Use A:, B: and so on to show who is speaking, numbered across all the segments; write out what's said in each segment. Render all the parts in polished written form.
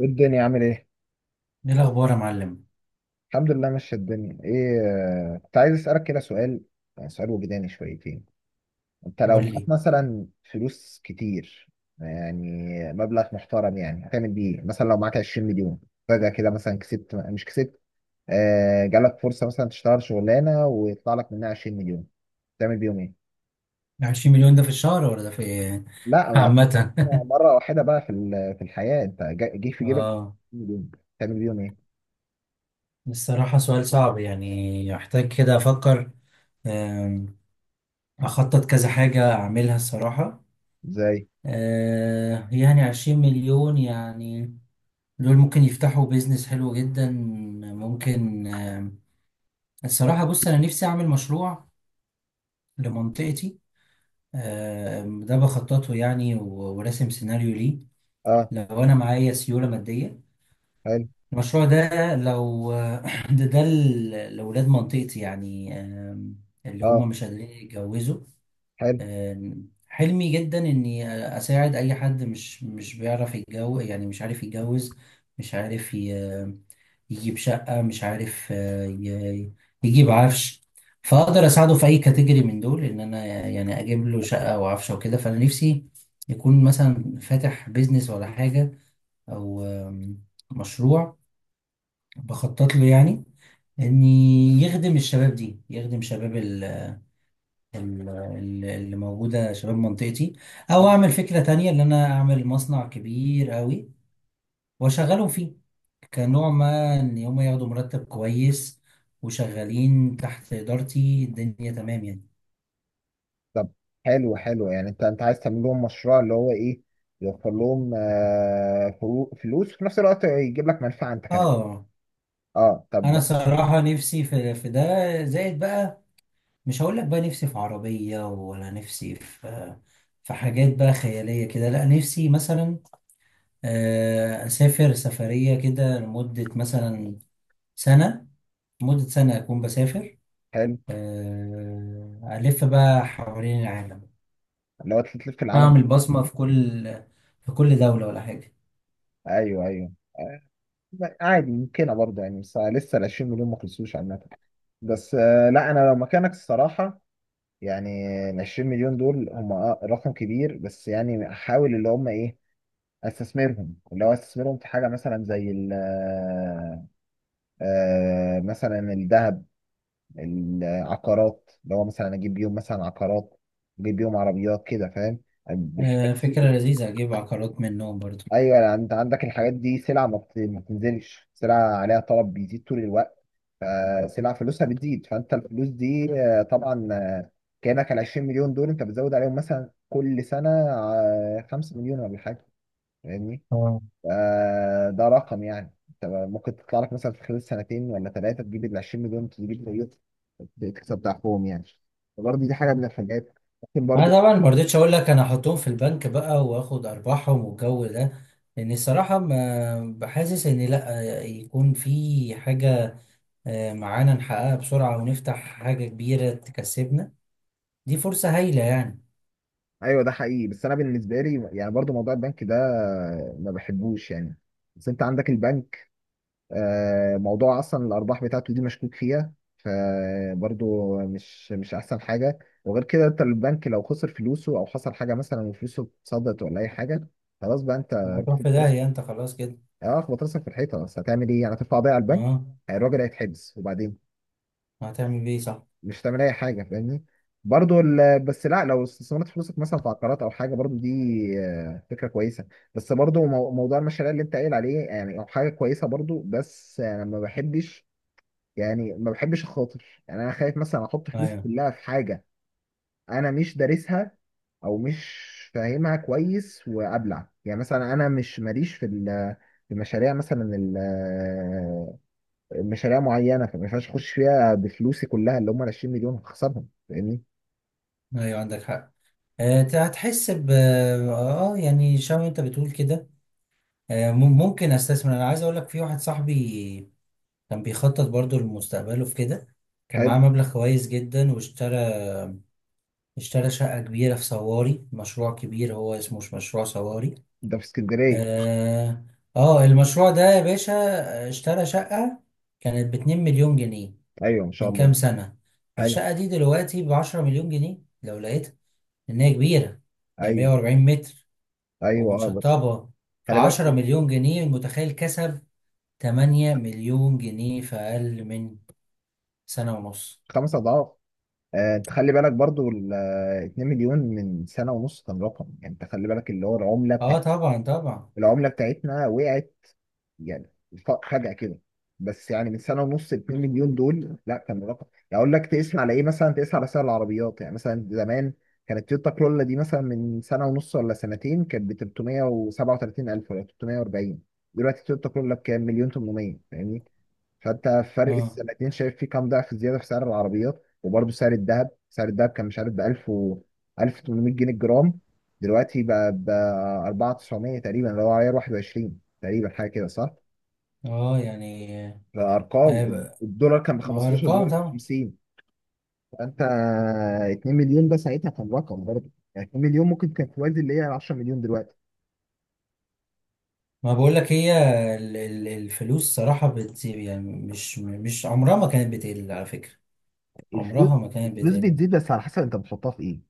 A: إيه الدنيا عامل ايه؟
B: ايه الاخبار يا معلم.
A: الحمد لله ماشية الدنيا ايه. كنت عايز اسألك كده سؤال، يعني سؤال وجداني شويتين. انت لو
B: قول
A: معاك
B: لي،
A: مثلا فلوس كتير، يعني مبلغ محترم، يعني هتعمل بيه إيه؟ مثلا لو معاك 20 مليون، فجأة كده مثلا كسبت مش كسبت، آه جالك فرصة مثلا تشتغل شغلانة ويطلع لك منها 20 مليون، تعمل بيهم ايه؟
B: 20 مليون ده في الشهر ولا ده في
A: لا بقى،
B: عامة
A: مرة واحدة بقى في الحياة انت جه في جيبك
B: اه،
A: 20 مليون، تعمل بيهم ايه؟
B: الصراحة سؤال صعب يعني، يحتاج كده افكر. آم، اخطط كذا حاجة اعملها الصراحة.
A: ازاي؟
B: يعني 20 مليون يعني دول ممكن يفتحوا بيزنس حلو جدا. ممكن الصراحة بص، انا نفسي اعمل مشروع لمنطقتي. ده بخططه يعني وراسم سيناريو ليه
A: اه،
B: لو انا معايا سيولة مادية.
A: حلو.
B: المشروع ده لو ده ده لأولاد منطقتي يعني، اللي
A: اه،
B: هم مش قادرين يتجوزوا.
A: حلو.
B: حلمي جدا إني أساعد أي حد مش بيعرف يتجوز، يعني مش عارف يتجوز، مش عارف يجيب شقة، مش عارف يجيب عفش. فأقدر أساعده في أي كاتيجوري من دول، إن أنا يعني أجيب له شقة وعفش وكده. فأنا نفسي يكون مثلا فاتح بيزنس ولا حاجة، أو مشروع بخطط له يعني ان يخدم الشباب دي، يخدم شباب اللي موجودة، شباب منطقتي. او اعمل فكرة تانية، ان انا اعمل مصنع كبير قوي واشغلهم فيه، كنوع ما ان هم ياخدوا مرتب كويس وشغالين تحت ادارتي، الدنيا تمام يعني.
A: طب، حلو حلو، يعني انت عايز تعمل لهم مشروع، اللي هو ايه يوفر لهم فلوس، وفي نفس الوقت يجيب لك منفعه انت كمان.
B: اه،
A: اه، طب.
B: انا صراحة نفسي في ده زائد بقى. مش هقول لك بقى نفسي في عربية ولا نفسي في، في حاجات بقى خيالية كده، لا نفسي مثلا أسافر سفرية كده لمدة مثلا سنة، لمدة سنة أكون بسافر،
A: حلو.
B: ألف بقى حوالين العالم،
A: لو انت تلف في العالم.
B: أعمل بصمة في كل دولة ولا حاجة.
A: ايوه ايوه، عادي ممكنه برضه، يعني بس لسه ال 20 مليون ما خلصوش عامه. بس لا، انا لو مكانك الصراحه، يعني ال 20 مليون دول هم رقم كبير، بس يعني احاول اللي هم ايه استثمرهم، اللي هو استثمرهم في حاجه مثلا زي ال آه، مثلا الذهب، العقارات، اللي هو مثلا اجيب بيهم مثلا عقارات، اجيب بيهم عربيات كده، فاهم، بالحاجات
B: فكرة
A: دي.
B: لذيذة، أجيب عقارات منهم برضو.
A: ايوه، يعني انت عندك الحاجات دي سلعه ما بتنزلش، سلعه عليها طلب بيزيد طول الوقت، فسلعه فلوسها بتزيد. فانت الفلوس دي طبعا كانك ال 20 مليون دول انت بتزود عليهم مثلا كل سنه 5 مليون ولا حاجه، فاهمني.
B: اه،
A: ده رقم يعني انت ممكن تطلع لك مثلا في خلال سنتين ولا ثلاثه، تجيب ال 20 مليون، تجيب زيهم، تكسب ضعفهم يعني. فبرضه دي حاجه من الحاجات ممكن
B: أنا
A: برضه.
B: طبعا ما رضيتش أقول لك أنا أحطهم في البنك بقى وآخد أرباحهم والجو ده، لأن الصراحة ما بحاسس إن، لأ يكون في حاجة معانا نحققها بسرعة ونفتح حاجة كبيرة تكسبنا، دي فرصة هايلة يعني.
A: ايوه ده حقيقي، بس انا بالنسبه لي يعني برضه موضوع البنك ده ما بحبوش يعني. بس انت عندك البنك موضوع اصلا الارباح بتاعته دي مشكوك فيها، فبرضه مش احسن حاجه. وغير كده انت البنك لو خسر فلوسه، او حصل حاجه مثلا وفلوسه اتصدت ولا اي حاجه، خلاص بقى انت
B: هتروح في
A: بتحط.
B: داهية انت خلاص كده.
A: اه، خبط راسك في الحيطه، بس هتعمل ايه؟ يعني هترفع بيها على البنك،
B: اه،
A: الراجل هيتحبس، وبعدين
B: هتعمل ايه؟ صح.
A: مش هتعمل اي حاجه، فاهمني. بس لا، لو استثمرت فلوسك مثلا في عقارات او حاجه، برضو دي فكره كويسه. بس برضو موضوع المشاريع اللي انت قايل عليه يعني او حاجه كويسه برضو، بس انا ما بحبش يعني، ما بحبش اخاطر، يعني انا خايف مثلا احط فلوسي
B: ايوه،
A: كلها في حاجه انا مش دارسها، او مش فاهمها كويس وابلع، يعني مثلا انا مش ماليش في في مشاريع مثلا، مشاريع معينه، فما ينفعش اخش فيها بفلوسي كلها اللي هم ال 20 مليون، هخسرهم، فاهمني.
B: ايوه، عندك حق. هتحس ب يعني شبه انت بتقول كده. ممكن استثمر. انا عايز اقول لك، في واحد صاحبي كان بيخطط برضو لمستقبله في كده، كان معاه
A: حلو.
B: مبلغ كويس جدا واشترى شقة كبيرة في صواري، مشروع كبير هو، اسمه مش مشروع صواري.
A: ده في اسكندريه.
B: اه. المشروع ده يا باشا، اشترى شقة كانت 2 مليون جنيه
A: ايوه ما شاء
B: من كام
A: الله.
B: سنة.
A: حلو.
B: الشقة دي دلوقتي بـ10 مليون جنيه لو لقيتها، لأن هي كبيرة، هي مية
A: ايوه
B: وأربعين متر
A: ايوه، اه، بس.
B: ومتشطبة.
A: خلي
B: فعشرة
A: بالك.
B: مليون جنيه المتخيل كسب 8 مليون جنيه في أقل من سنة ونص.
A: خمس اضعاف. آه، انت خلي بالك برضو ال آه، 2 مليون من سنه ونص كان رقم، يعني انت خلي بالك اللي هو العمله،
B: اه، طبعا طبعا.
A: العملة بتاعتنا وقعت يعني. فجأة كده. بس يعني من سنة ونص، 2 مليون دول لا كان رقم، يعني اقول لك تقيس على ايه؟ مثلا تقيس على سعر العربيات، يعني مثلا زمان كانت تويوتا كرولا دي مثلا من سنة ونص ولا سنتين كانت ب 337 ألف ولا 340. دلوقتي تويوتا كرولا بكام؟ مليون 800، فاهمني. فانت فرق
B: اه،
A: السنتين شايف فيه كام ضعف زياده في سعر العربيات؟ وبرضه سعر الذهب، سعر الذهب كان مش عارف ب 1000 و 1800 جنيه الجرام، دلوقتي بقى ب 4900 تقريبا، اللي هو عيار 21 تقريبا، حاجه كده صح؟
B: اه، يعني آه،
A: فارقام
B: ب-
A: الدولار كان ب 15،
B: بأرقام
A: دلوقتي ب
B: طبعا.
A: 50. فانت 2 مليون ده ساعتها كان رقم، برضه يعني 2 مليون ممكن كان توازي اللي هي 10 مليون دلوقتي.
B: ما بقولك، هي الفلوس صراحة بت يعني مش عمرها ما كانت بتقل على فكرة،
A: الفلوس،
B: عمرها ما كانت
A: الفلوس
B: بتقل.
A: بتزيد بس على حسب انت بتحطها في ايه.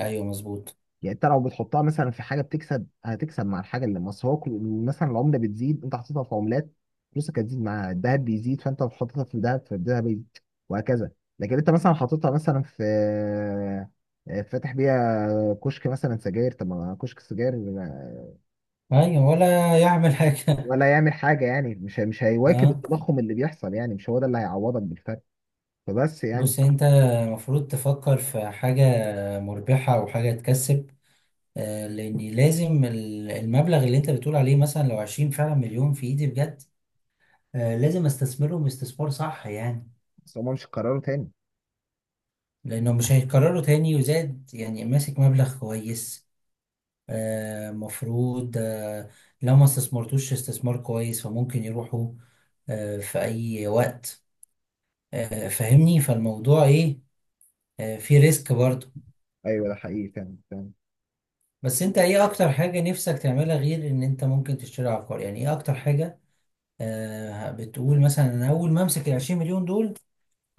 B: أيوه مظبوط.
A: يعني انت لو بتحطها مثلا في حاجه بتكسب، هتكسب مع الحاجه، اللي مصر هو مثلا العمله بتزيد، انت حطيتها في عملات فلوسك هتزيد، مع الذهب بيزيد، فانت لو حطيتها في الذهب فالذهب يزيد، وهكذا. لكن انت مثلا حاططها مثلا في فاتح بيها كشك مثلا سجاير، طب ما كشك السجاير
B: ايوه، ولا يعمل حاجه.
A: ولا يعمل حاجه، يعني مش هيواكب
B: اه،
A: التضخم اللي بيحصل، يعني مش هو ده اللي هيعوضك بالفرق. فبس يعني.
B: بص، انت المفروض تفكر في حاجة مربحة وحاجة تكسب. لان لازم المبلغ اللي انت بتقول عليه، مثلا لو عشرين فعلا مليون في ايدي بجد، لازم استثمرهم استثمار صح يعني،
A: بس هما مش قرروا تاني.
B: لانه مش هيتكرروا تاني. وزاد يعني ماسك مبلغ كويس، مفروض، لو ما استثمرتوش استثمار كويس فممكن يروحوا في اي وقت. فاهمني، فالموضوع ايه؟ في ريسك برضه.
A: ايوه ده حقيقي فعلا فعلا.
B: بس انت ايه اكتر حاجة نفسك تعملها، غير ان انت ممكن تشتري عقار؟ يعني ايه اكتر حاجة؟ آه، بتقول مثلا انا اول ما امسك ال 20 مليون دول،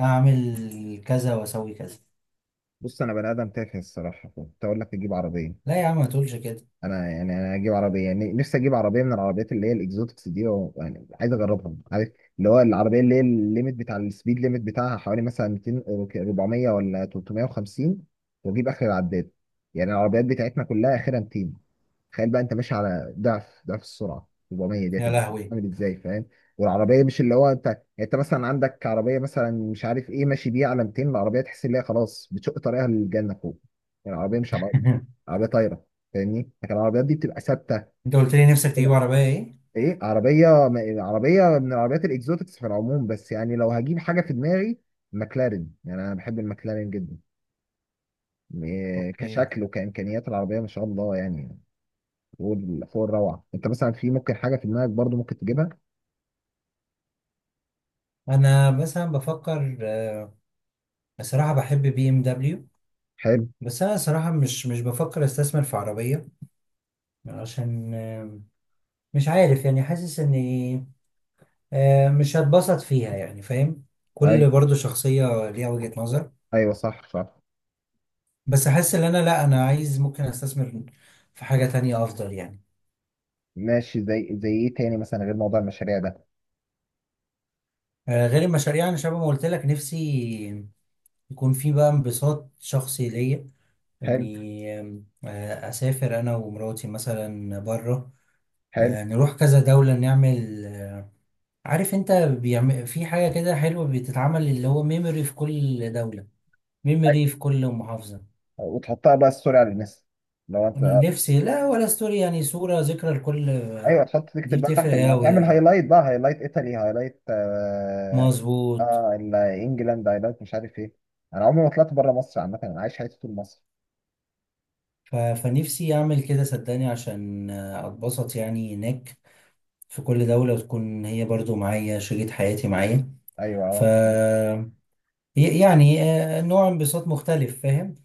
B: اعمل كذا واسوي كذا.
A: بص، انا بني ادم تافه الصراحه، كنت اقول لك تجيب عربيه،
B: لا يا عم، ما تقولش كده.
A: انا اجيب عربيه، يعني نفسي اجيب عربيه من العربيات اللي هي الاكزوتكس دي يعني عايز اجربها، عارف، اللي هو العربيه اللي هي الليميت بتاع السبيد ليميت بتاعها حوالي مثلا 200، 400 ولا 350، واجيب اخر العداد. يعني العربيات بتاعتنا كلها اخرها 200. تخيل بقى انت ماشي على ضعف ضعف السرعه، 400 دي
B: يا
A: هتبقى
B: لهوي
A: عامل ازاي، فاهم؟ والعربيه مش اللي هو انت، يعني انت مثلا عندك عربيه مثلا مش عارف ايه، ماشي بيها على 200، العربيه تحس ان هي خلاص بتشق طريقها للجنه فوق. يعني العربيه مش على الارض، عربيه طايره، فاهمني. لكن العربيات دي بتبقى ثابته
B: انت قلت لي نفسك تجيب
A: كده.
B: عربية ايه؟
A: ايه؟ عربيه عربيه من العربيات الاكزوتكس في العموم، بس يعني لو هجيب حاجه في دماغي ماكلارين، يعني انا بحب الماكلارين جدا. إيه،
B: اوكي.
A: كشكل وكامكانيات العربيه ما شاء الله يعني فوق الروعه. انت مثلا في ممكن حاجه في دماغك برضو ممكن تجيبها.
B: انا مثلا بفكر، صراحة بحب بي ام دبليو.
A: حلو.
B: بس انا صراحة مش بفكر استثمر في عربية، عشان مش عارف يعني، حاسس ان مش هتبسط فيها يعني، فاهم؟
A: اي.
B: كل برضو شخصية ليها وجهة نظر.
A: ايوه صح صح.
B: بس احس ان انا، لا، انا عايز ممكن استثمر في حاجة تانية افضل يعني.
A: ماشي. زي ايه تاني مثلا غير موضوع المشاريع ده.
B: غير المشاريع، انا شبه ما قلت لك، نفسي يكون في بقى انبساط شخصي ليا،
A: حلو.
B: اني آم، آه، اسافر انا ومراتي مثلا بره،
A: حلو.
B: نروح كذا دولة نعمل، عارف انت بيعمل في حاجة كده حلوة بتتعمل، اللي هو ميموري في كل دولة، ميموري في كل محافظة.
A: وتحطها بقى ستوري على الناس؟ لو انت.
B: نفسي، لا، ولا ستوري، يعني صورة ذكرى لكل.
A: ايوه، تحط
B: دي
A: تكتب بقى تحت،
B: بتفرق
A: ما
B: أوي،
A: تعمل
B: اه،
A: هايلايت بقى، هايلايت ايطالي، هايلايت،
B: مظبوط.
A: انجلاند هايلايت مش عارف ايه. انا عمري ما طلعت بره مصر، عامه انا عايش حياتي طول مصر.
B: فنفسي أعمل كده صدقني، عشان أتبسط يعني هناك في كل دولة، وتكون هي برضو معايا، شريك حياتي معايا،
A: ايوه
B: ف
A: اه.
B: يعني نوع انبساط مختلف، فاهم؟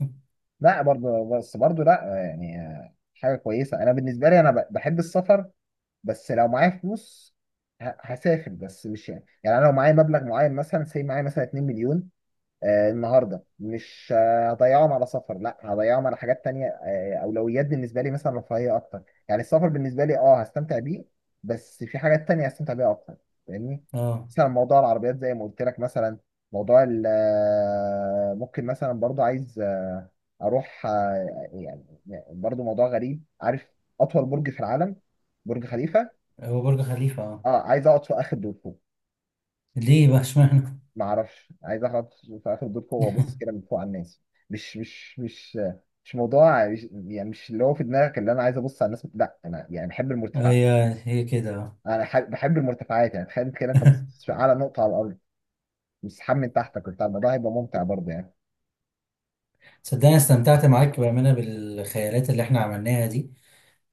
A: لا برضه، بس برضه لا، يعني حاجه كويسه. انا بالنسبه لي، انا بحب السفر، بس لو معايا فلوس هسافر، بس مش يعني انا لو معايا مبلغ معين مثلا سي معايا مثلا 2 مليون، النهارده مش هضيعهم على سفر، لا هضيعهم على حاجات تانية. اولويات بالنسبه لي مثلا رفاهيه اكتر يعني، السفر بالنسبه لي اه هستمتع بيه، بس في حاجات تانية هستمتع بيها اكتر، فاهمني.
B: اه.
A: مثلا موضوع العربيات زي ما قلت لك مثلا، موضوع ممكن مثلا برضو عايز اروح يعني برضو موضوع غريب، عارف، اطول برج في العالم، برج خليفة.
B: هو برج خليفة، اه.
A: اه، عايز اقعد في اخر دور فوق.
B: ليه بقى اشمعنى؟
A: ما اعرفش، عايز اقعد في اخر دور فوق وابص كده من فوق على الناس. مش مش موضوع، يعني مش اللي هو في دماغك اللي انا عايز ابص على الناس، لا انا يعني بحب المرتفعات.
B: هي هي كده، اه.
A: انا بحب المرتفعات، يعني تخيل كده انت بص على نقطه على الارض مسحاب من تحتك وبتاع، الموضوع هيبقى ممتع برضه يعني.
B: صدقني استمتعت معاك بأمانة بالخيالات اللي احنا عملناها دي،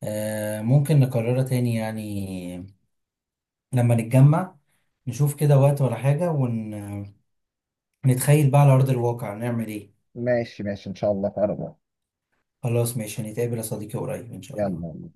B: ممكن نكررها تاني يعني لما نتجمع، نشوف كده وقت ولا حاجة ونتخيل بقى على أرض الواقع نعمل إيه.
A: ماشي ماشي ان شاء الله في اقرب وقت.
B: خلاص ماشي، هنتقابل يا صديقي قريب إن شاء الله.
A: يلا.